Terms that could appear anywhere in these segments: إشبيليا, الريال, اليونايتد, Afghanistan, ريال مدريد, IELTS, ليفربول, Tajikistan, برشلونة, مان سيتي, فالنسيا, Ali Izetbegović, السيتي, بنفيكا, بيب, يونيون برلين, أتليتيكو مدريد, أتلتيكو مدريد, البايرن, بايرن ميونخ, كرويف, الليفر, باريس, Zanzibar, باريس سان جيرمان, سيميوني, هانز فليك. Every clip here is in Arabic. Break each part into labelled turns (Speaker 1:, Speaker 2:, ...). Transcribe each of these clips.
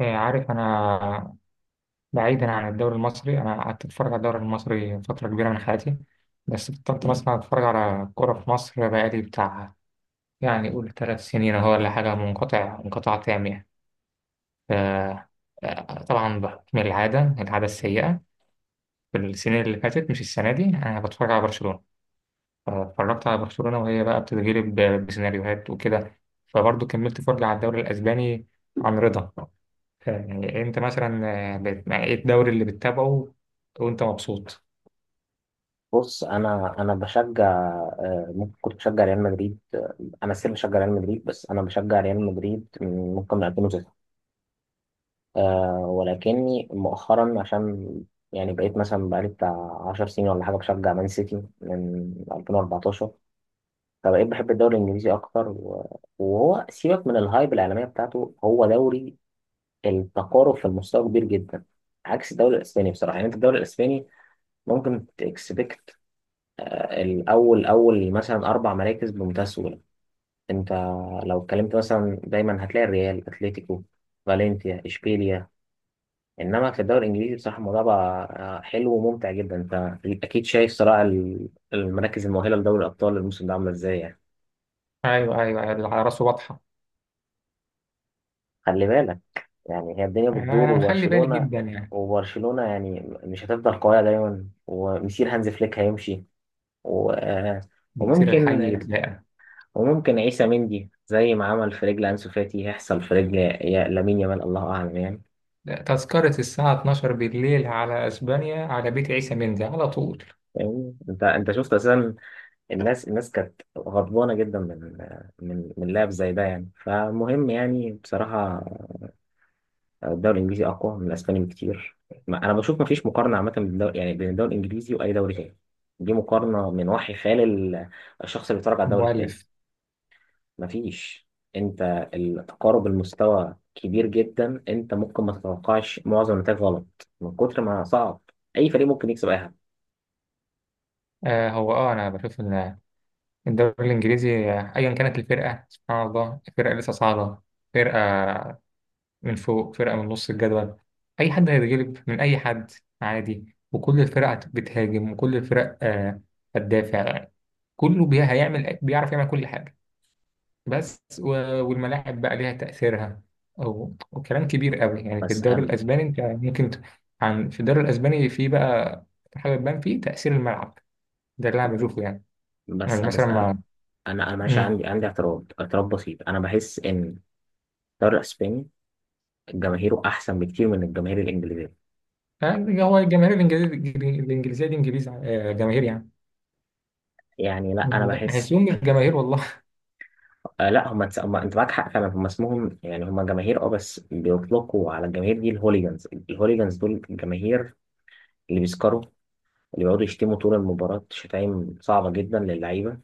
Speaker 1: إيه، عارف أنا بعيدا عن الدوري المصري. أنا قعدت أتفرج على الدوري المصري فترة كبيرة من حياتي، بس بطلت مثلا أتفرج على كورة في مصر بقالي بتاع، يعني قول ثلاث سنين أهو ولا حاجة، منقطع انقطاع تام يعني. ف- طبعا بحكم العادة السيئة. في السنين اللي فاتت، مش السنة دي، أنا بتفرج على برشلونة. فاتفرجت على برشلونة وهي بقى بتتغلب بسيناريوهات وكده، فبرضه كملت فرجة على الدوري الأسباني عن رضا. يعني انت مثلا، ايه الدوري اللي بتتابعه وانت مبسوط؟
Speaker 2: بص. انا بشجع. ممكن كنت بشجع ريال مدريد. انا سير بشجع ريال مدريد، بس انا بشجع ريال مدريد من ممكن من 2009. ولكني مؤخرا عشان يعني بقيت مثلا بقالي بتاع 10 سنين ولا حاجه بشجع مان سيتي من 2014. فبقيت بحب الدوري الانجليزي اكتر، وهو سيبك من الهايب الاعلاميه بتاعته، هو دوري التقارب في المستوى كبير جدا، عكس الدوري الاسباني بصراحه. يعني انت الدوري الاسباني ممكن تكسبكت الأول، أول مثلا أربع مراكز بمنتهى السهولة. أنت لو اتكلمت مثلا دايما هتلاقي الريال، أتلتيكو، فالنسيا، إشبيليا. إنما في الدوري الإنجليزي بصراحة الموضوع بقى حلو وممتع جدا. أنت أكيد شايف صراع المراكز المؤهلة لدوري الأبطال الموسم ده عاملة إزاي يعني.
Speaker 1: ايوه ايوه أيوة، اللي على راسه واضحه.
Speaker 2: خلي بالك. يعني هي الدنيا بتدور،
Speaker 1: انا مخلي بالي
Speaker 2: وبرشلونة،
Speaker 1: جدا يعني.
Speaker 2: وبرشلونة يعني مش هتفضل قوية دايما، ومسير هانز فليك هيمشي. و... آه،
Speaker 1: من كتير
Speaker 2: وممكن
Speaker 1: الحي يتلاقى.
Speaker 2: وممكن عيسى مندي زي ما عمل في رجل أنسو فاتي هيحصل في رجل لامين يامال. الله أعلم يعني.
Speaker 1: لا، تذكرة الساعة 12 بالليل على اسبانيا على بيت عيسى مندي على طول.
Speaker 2: فاهمني؟ انت شفت اساسا الناس كانت غضبانه جدا من من لاعب زي ده يعني. فمهم يعني بصراحه الدوري الانجليزي اقوى من الاسباني بكتير. انا بشوف ما فيش مقارنه عامه بين الدوري يعني بين الدوري الانجليزي واي دوري تاني. دي مقارنه من وحي خيال الشخص اللي بيتفرج على الدوري التاني.
Speaker 1: مؤلف.
Speaker 2: مفيش. انت التقارب المستوى كبير جدا، انت ممكن ما تتوقعش معظم النتائج غلط من كتر ما صعب. اي فريق ممكن يكسب اي حد.
Speaker 1: آه هو انا بشوف ان الدوري الانجليزي، ايا كانت الفرقة، سبحان الله، فرقة لسه صاعدة، فرقة من فوق، فرقة من نص الجدول، أي حد هيتغلب من أي حد عادي. وكل الفرق بتهاجم، وكل الفرق هتدافع. كله بي- هيعمل بيعرف يعمل كل حاجة. بس والملاعب بقى ليها تأثيرها أو وكلام كبير قوي يعني. في
Speaker 2: بس
Speaker 1: الدوري
Speaker 2: انا
Speaker 1: الأسباني أنت ممكن ت- عن في الدوري الأسباني في بقى حاجة تبان فيه تأثير الملعب، ده اللي أنا بشوفه يعني.
Speaker 2: بس
Speaker 1: يعني مثلا
Speaker 2: بس انا
Speaker 1: ما.
Speaker 2: انا أنا ماشي،
Speaker 1: مم.
Speaker 2: عندي اعتراض بسيط، انا بحس ان الدوري الاسباني جماهيره احسن بكتير من الجماهير الانجليزيه.
Speaker 1: يعني هو الجماهير الإنجليزية، الإنجليزية دي إنجليز جماهير يعني،
Speaker 2: يعني لا انا بحس.
Speaker 1: بحسهم مش جماهير والله.
Speaker 2: لا، انت معاك حق فعلا. هم اسمهم يعني هم جماهير، بس بيطلقوا على الجماهير دي الهوليجانز دول الجماهير اللي بيسكروا، اللي بيقعدوا يشتموا طول المباراة شتايم صعبة جدا للعيبة.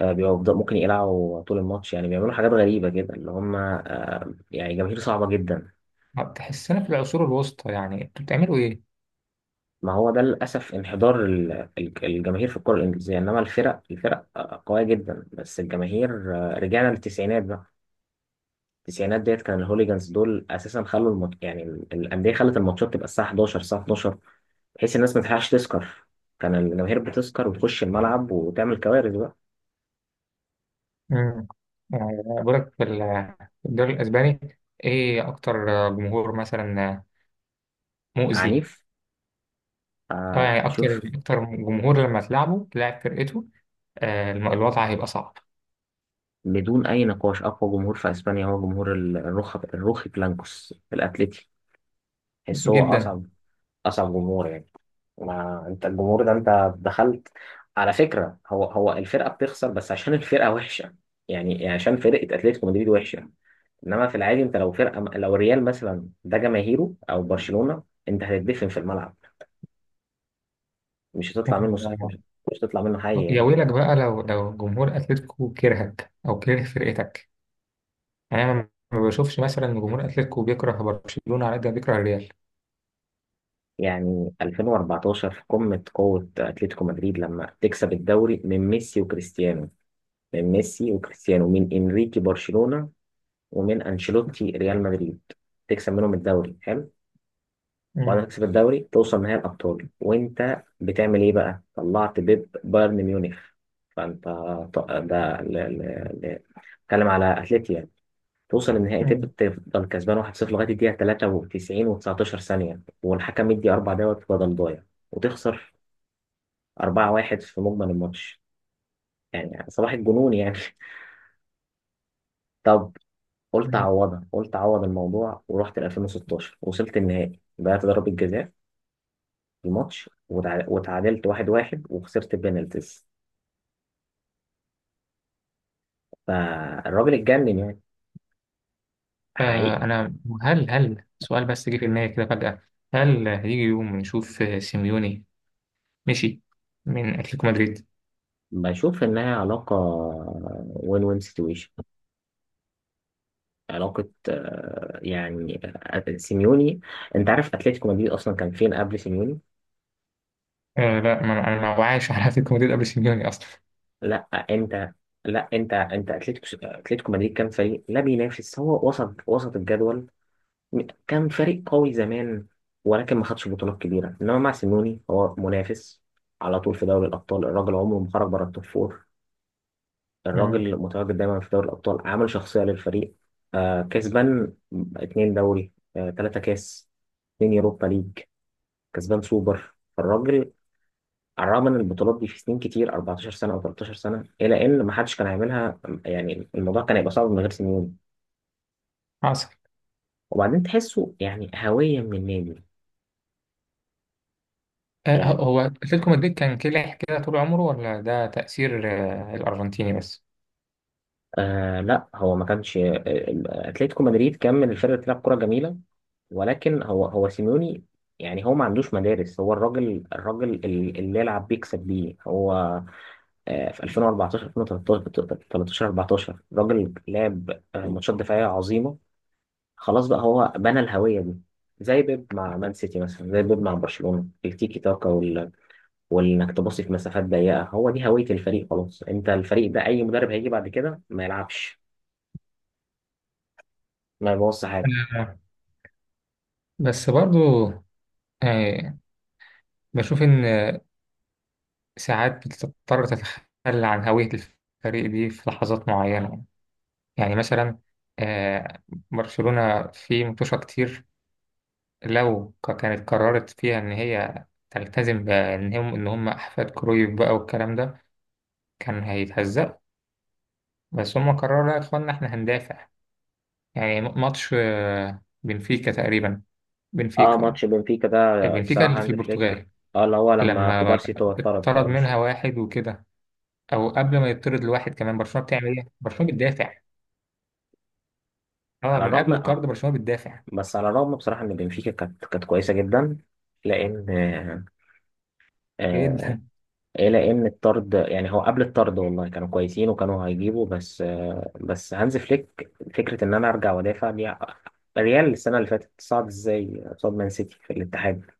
Speaker 2: بيبقوا ممكن يقلعوا طول الماتش يعني، بيعملوا حاجات غريبة كده اللي هم يعني جماهير صعبة جدا.
Speaker 1: تحسنا في العصور الوسطى، يعني انتوا بتعملوا ايه؟
Speaker 2: ما هو ده للأسف انحدار الجماهير في الكرة الإنجليزية. إنما الفرق قوية جدا، بس الجماهير رجعنا للتسعينات بقى. التسعينات ديت كان الهوليجانز دول أساسا خلوا يعني الأندية خلت الماتشات تبقى الساعة 11، الساعة 12، بحيث الناس ما تلحقش تسكر. كان الجماهير بتسكر وتخش الملعب وتعمل كوارث بقى.
Speaker 1: امم يعني بقول لك في الدوري الاسباني ايه اكتر جمهور مثلا مؤذي؟
Speaker 2: عنيف.
Speaker 1: اه يعني اكتر
Speaker 2: اشوف
Speaker 1: اكتر جمهور لما تلعبه تلاعب فرقته، الوضع هيبقى صعب
Speaker 2: بدون أي نقاش أقوى جمهور في أسبانيا هو جمهور الروخ، الروخي بلانكوس في الأتليتي. تحس هو
Speaker 1: جدا.
Speaker 2: أصعب، أصعب جمهور يعني. ما أنت الجمهور ده أنت دخلت. على فكرة هو الفرقة بتخسر بس عشان الفرقة وحشة، يعني عشان فرقة أتلتيكو مدريد وحشة. إنما في العادي أنت لو فرقة، لو ريال مثلا ده جماهيره أو برشلونة، أنت هتدفن في الملعب، مش هتطلع منه، صح؟
Speaker 1: آه،
Speaker 2: مش هتطلع منه حي
Speaker 1: يا
Speaker 2: يعني
Speaker 1: ويلك بقى لو لو جمهور اتلتيكو كرهك او كره فرقتك. يعني انا ما بشوفش مثلا إن جمهور اتلتيكو بيكره برشلونة على قد ما بيكره الريال.
Speaker 2: يعني 2014 في قمة قوة أتلتيكو مدريد لما تكسب الدوري من ميسي وكريستيانو، من انريكي برشلونة ومن انشيلوتي ريال مدريد، تكسب منهم الدوري، حلو. بعد ما تكسب الدوري توصل نهائي الابطال وانت بتعمل ايه بقى، طلعت بيب بايرن ميونخ. فانت ط- ده ل- ل- ل- اتكلم على اتلتي يعني، توصل النهائي
Speaker 1: امم
Speaker 2: تفضل كسبان 1-0 لغايه الدقيقه 93 و19 ثانيه، والحكم يدي اربع دوت بدل ضايع وتخسر 4-1 في مجمل الماتش. يعني صباح الجنون يعني. طب قلت اعوضها، قلت اعوض الموضوع ورحت ل 2016، وصلت النهائي ضيعت ضربة جزاء في الماتش، وتعادلت 1-1 وخسرت بينالتيز. فالراجل اتجنن يعني،
Speaker 1: آه
Speaker 2: حقيقي.
Speaker 1: أنا. هل سؤال بس جه في دماغي كده فجأة: هل هيجي يوم نشوف سيميوني مشي من أتلتيكو مدريد؟
Speaker 2: بشوف انها علاقة، وين سيتويشن، علاقة يعني سيميوني. انت عارف اتلتيكو مدريد اصلا كان فين قبل سيميوني؟
Speaker 1: آه لا، ما أنا ما وعاش على أتلتيكو مدريد قبل سيميوني أصلا.
Speaker 2: لا انت لا انت اتلتيكو مدريد كان فريق لا بينافس، هو وسط، وسط الجدول، كان فريق قوي زمان ولكن ما خدش بطولات كبيرة. إنما مع سيميوني هو منافس على طول في دوري الأبطال، الراجل عمره ما خرج بره التوب فور،
Speaker 1: مم،
Speaker 2: الراجل متواجد دايما في دوري الأبطال عامل شخصية للفريق. كسبان اتنين دوري، تلاتة كاس، اتنين يوروبا ليج، كسبان سوبر الراجل، على الرغم من البطولات دي في سنين كتير، 14 سنة أو 13 سنة، إلى إن ما حدش كان هيعملها. يعني الموضوع كان هيبقى صعب من غير سيميوني.
Speaker 1: حصل.
Speaker 2: وبعدين تحسه يعني هوية من النادي.
Speaker 1: آه،
Speaker 2: يعني
Speaker 1: هو أتلتيكو مدريد كان كلح كده طول عمره ولا ده تأثير آه الأرجنتيني بس؟
Speaker 2: لا هو ما كانش، اتلتيكو مدريد كان من الفرق اللي بتلعب كرة جميلة، ولكن هو سيميوني. يعني هو ما عندوش مدارس، هو الراجل اللي يلعب بيكسب بيه هو. في 2014، 2013، 14 الراجل لعب ماتشات دفاعية عظيمة، خلاص بقى هو بنى الهوية دي. زي بيب مع مان سيتي مثلا، زي بيب مع برشلونة التيكي تاكا وانك تباصي في مسافات ضيقة، هو دي هوية الفريق. خلاص انت الفريق ده اي مدرب هيجي بعد كده ما يلعبش ما يبوظش حاجة.
Speaker 1: آه، بس برضو، آه، بشوف إن ساعات بتضطر تتخلى عن هوية الفريق دي في لحظات معينة. يعني مثلا، آه، برشلونة في متوشة كتير، لو كانت قررت فيها إن هي تلتزم بإن هم إن هم أحفاد كرويف بقى والكلام ده، كان هيتهزق. بس هم قرروا لا يا إخوانا إحنا هندافع. يعني ماتش بنفيكا تقريبا،
Speaker 2: اه،
Speaker 1: بنفيكا آه،
Speaker 2: ماتش بنفيكا ده
Speaker 1: بنفيكا
Speaker 2: بصراحة
Speaker 1: اللي في
Speaker 2: هانز فليك،
Speaker 1: البرتغال.
Speaker 2: اه اللي هو لما
Speaker 1: لما
Speaker 2: كوبارسي تو اتطرد في
Speaker 1: اتطرد
Speaker 2: اول
Speaker 1: منها
Speaker 2: الشوط.
Speaker 1: واحد وكده، أو قبل ما يطرد لواحد كمان، برشلونة بتعمل إيه؟ برشلونة بتدافع. أه،
Speaker 2: على
Speaker 1: من
Speaker 2: الرغم،
Speaker 1: قبل
Speaker 2: اه،
Speaker 1: الطرد برشلونة بتدافع
Speaker 2: بس على الرغم بصراحة ان بنفيكا كانت كويسة جدا، لان آه آه،
Speaker 1: جدا.
Speaker 2: إيه لان الطرد يعني هو قبل الطرد والله كانوا كويسين وكانوا هيجيبوا، بس هانز فليك فكرة ان انا ارجع وادافع دي. ريال السنة اللي فاتت صعد ازاي قصاد مان سيتي في الاتحاد؟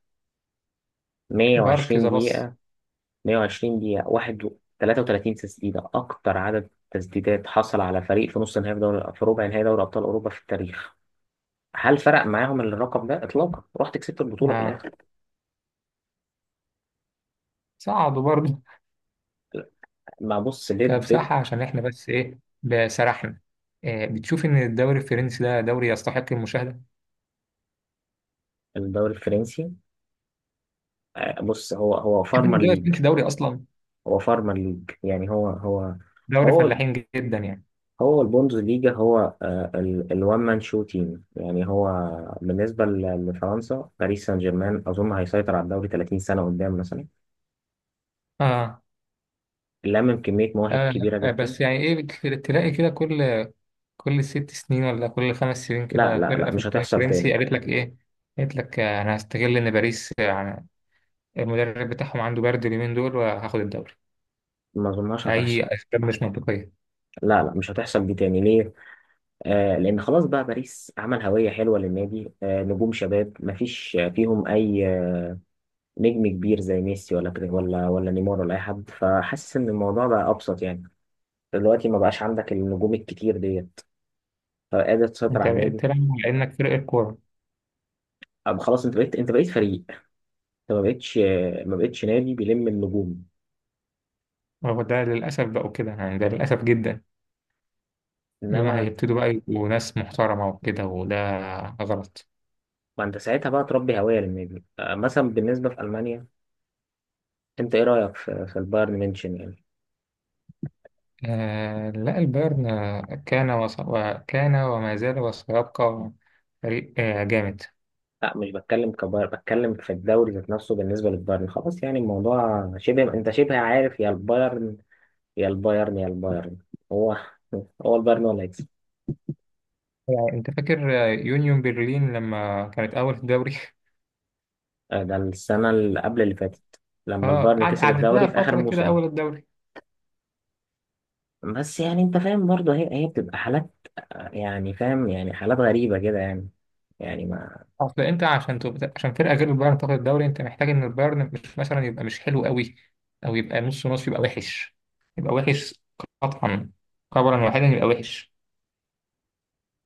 Speaker 1: بارك ذا
Speaker 2: 120
Speaker 1: باص.
Speaker 2: دقيقة، 120 دقيقة، واحد 33 تسديدة، أكتر عدد تسديدات حصل على فريق في نص نهائي، في دوري، في ربع نهائي دوري أبطال أوروبا في التاريخ. هل فرق معاهم الرقم ده إطلاقا؟ رحت كسبت البطولة في
Speaker 1: أه،
Speaker 2: الآخر.
Speaker 1: صعدوا برضه.
Speaker 2: ما بص بيب، بيب.
Speaker 1: كبصراحة عشان احنا بس ايه بسرحنا، إيه بتشوف ان الدوري الفرنسي ده دوري يستحق المشاهدة؟
Speaker 2: الدوري الفرنسي، بص هو، هو
Speaker 1: بتشوف ان
Speaker 2: فارمر
Speaker 1: الدوري
Speaker 2: ليج،
Speaker 1: الفرنسي دوري اصلا،
Speaker 2: هو فارمر ليج يعني،
Speaker 1: دوري
Speaker 2: هو
Speaker 1: فلاحين جدا يعني.
Speaker 2: هو البوندز ليجا، هو الوان مان شو تيم يعني. هو بالنسبة لفرنسا، باريس سان جيرمان أظن هيسيطر على الدوري 30 سنة قدام مثلا،
Speaker 1: آه.
Speaker 2: لمم كمية مواهب
Speaker 1: آه.
Speaker 2: كبيرة
Speaker 1: آه،
Speaker 2: جدا.
Speaker 1: بس يعني ايه، تلاقي كده كل ست سنين ولا كل خمس سنين
Speaker 2: لا،
Speaker 1: كده
Speaker 2: لا، لا،
Speaker 1: فرقة في
Speaker 2: مش
Speaker 1: الدوري
Speaker 2: هتحصل
Speaker 1: الفرنسي
Speaker 2: تاني.
Speaker 1: قالت لك ايه؟ قالت لك انا هستغل ان باريس، يعني المدرب بتاعهم عنده برد اليومين دول، وهاخد الدوري.
Speaker 2: ما اظنهاش هتحصل،
Speaker 1: اي اسباب مش منطقية.
Speaker 2: لا، لا، مش هتحصل دي تاني. ليه؟ لأن خلاص بقى باريس عمل هوية حلوة للنادي، نجوم شباب مفيش فيهم أي نجم كبير زي ميسي، ولا ولا نيمار ولا أي حد، فحاسس إن الموضوع بقى أبسط يعني، دلوقتي ما بقاش عندك النجوم الكتير ديت، فقادر تسيطر
Speaker 1: انت
Speaker 2: على
Speaker 1: بقيت
Speaker 2: النادي.
Speaker 1: تلعب على انك فرقة كورة.
Speaker 2: أب خلاص، أنت بقيت فريق، أنت ما بقتش نادي بيلم النجوم،
Speaker 1: وده للاسف بقوا كده يعني، ده للاسف جدا اللي هم
Speaker 2: إنما
Speaker 1: هيبتدوا بقى يبقوا ناس محترمة وكده، وده غلط.
Speaker 2: ما أنت ساعتها بقى تربي هوية للنادي. مثلا بالنسبة في ألمانيا، انت ايه رايك في البايرن ميونشن يعني؟
Speaker 1: آه لا، البايرن كان وص... وكان وما زال وسيبقى فريق آه جامد.
Speaker 2: لا مش بتكلم كبايرن، بتكلم في الدوري ذات نفسه. بالنسبه للبايرن خلاص يعني الموضوع شبه، انت شبه عارف، يا البايرن يا البايرن يا البايرن، هو البايرن هو اللي هيكسب.
Speaker 1: يعني انت فاكر يونيون برلين لما كانت اول في الدوري؟
Speaker 2: ده السنه اللي قبل اللي فاتت لما
Speaker 1: اه،
Speaker 2: البايرن كسب
Speaker 1: قعدت لها
Speaker 2: الدوري في اخر
Speaker 1: فترة كده
Speaker 2: موسم.
Speaker 1: اول الدوري.
Speaker 2: بس يعني انت فاهم برضه، هي بتبقى حالات، يعني فاهم يعني حالات غريبه كده يعني. يعني ما
Speaker 1: اصل انت عشان تبقى... عشان فرقة غير البايرن تاخد الدوري، انت محتاج ان البايرن مش مثلا، يبقى مش حلو قوي، او يبقى نص نص، يبقى وحش، يبقى وحش قطعا، قبلا واحدا يبقى وحش،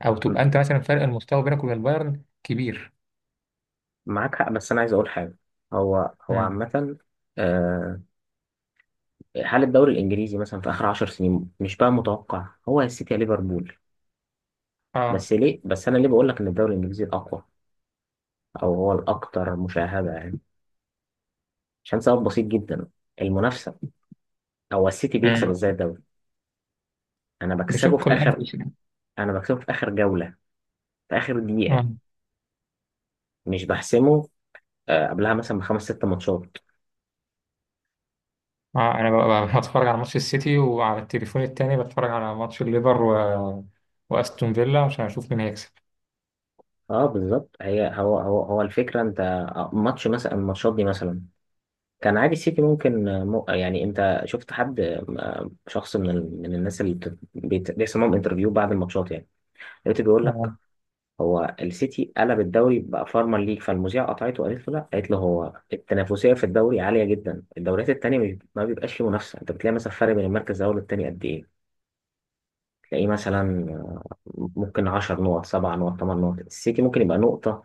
Speaker 1: او تبقى
Speaker 2: م-
Speaker 1: انت مثلا فرق المستوى بينك وبين البايرن كبير.
Speaker 2: معاك حق، بس انا عايز اقول حاجه. هو
Speaker 1: امم
Speaker 2: عامه، آه، حال الدوري الانجليزي مثلا في اخر 10 سنين مش بقى متوقع، هو يا السيتي يا ليفربول.
Speaker 1: اه.
Speaker 2: بس ليه، بس انا ليه بقول لك ان الدوري الانجليزي الاقوى او هو الاكثر مشاهده يعني؟ عشان سبب بسيط جدا، المنافسه. هو السيتي بيكسب
Speaker 1: امم
Speaker 2: ازاي الدوري؟ انا بكسبه في
Speaker 1: بشق
Speaker 2: اخر
Speaker 1: الانفس يعني.
Speaker 2: انا بكسبه في اخر جوله، في اخر دقيقه،
Speaker 1: اه،
Speaker 2: مش بحسمه قبلها مثلا بخمس ست ماتشات.
Speaker 1: اه، انا ببقى بتفرج على ماتش السيتي، وعلى التليفون التاني بتفرج على ماتش الليفر و... واستون فيلا عشان اشوف مين هيكسب.
Speaker 2: اه بالظبط. هي هو هو هو الفكره، انت ماتش مثلا، الماتشات دي مثلا كان عادي. السيتي ممكن يعني انت شفت حد، شخص من الناس اللي بيحصل معاهم انترفيو بعد الماتشات يعني، لقيته بيقول لك
Speaker 1: اه.
Speaker 2: هو السيتي قلب الدوري بقى فارما ليج، فالمذيعه قطعته وقالت له لا، قالت له هو التنافسيه في الدوري عاليه جدا، الدوريات التانيه ما بيبقاش فيه منافسه، انت بتلاقي مثلا فرق بين المركز الاول والتاني قد ايه؟ تلاقيه مثلا آه، ممكن 10 نقط، 7 نقط، 8 نقط، السيتي ممكن يبقى نقطه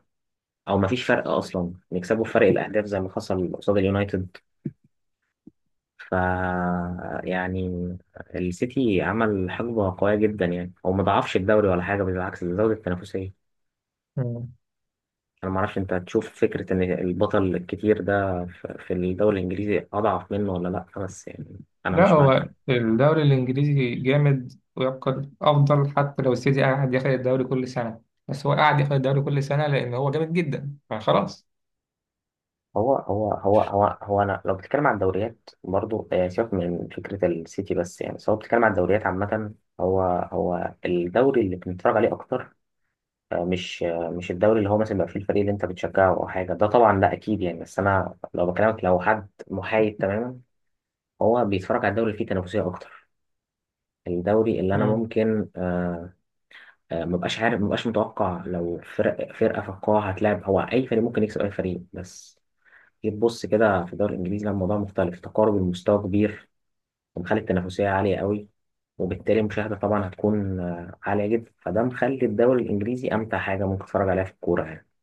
Speaker 2: او ما فيش فرق اصلا، نكسبه في فرق الاهداف زي ما حصل قصاد اليونايتد. ف يعني السيتي عمل حقبة قوية جدا يعني، هو ما ضعفش الدوري ولا حاجة، بالعكس ده زود التنافسية.
Speaker 1: مم.
Speaker 2: أنا ما أعرفش أنت تشوف فكرة إن البطل الكتير ده في الدوري الإنجليزي أضعف منه ولا لأ، بس يعني أنا
Speaker 1: لا،
Speaker 2: مش معاك.
Speaker 1: هو الدوري الانجليزي جامد ويبقى افضل حتى لو السيتي قاعد ياخد الدوري كل سنه. بس هو قاعد ياخد الدوري كل سنه لان هو جامد جدا فخلاص.
Speaker 2: هو هو هو هو هو انا لو بتتكلم عن الدوريات برضو، سيبك من فكره السيتي، بس يعني سواء بتتكلم عن الدوريات عامه، هو هو الدوري اللي بنتفرج عليه اكتر، مش الدوري اللي هو مثلا بيبقى فيه الفريق اللي انت بتشجعه او حاجه، ده طبعا لا اكيد يعني، بس انا لو بكلمك لو حد محايد تماما، هو بيتفرج على الدوري اللي فيه تنافسيه اكتر. الدوري اللي انا ممكن مبقاش عارف، مبقاش متوقع لو فرق فرقه في القاعه هتلاعب، هو اي فريق ممكن يكسب اي فريق. بس جيت تبص كده في الدوري الانجليزي لا، الموضوع مختلف، تقارب المستوى كبير ومخلي التنافسيه عاليه قوي. وبالتالي المشاهده طبعا هتكون عاليه جدا، فده مخلي الدوري الانجليزي امتع حاجه ممكن تتفرج عليها في الكوره يعني.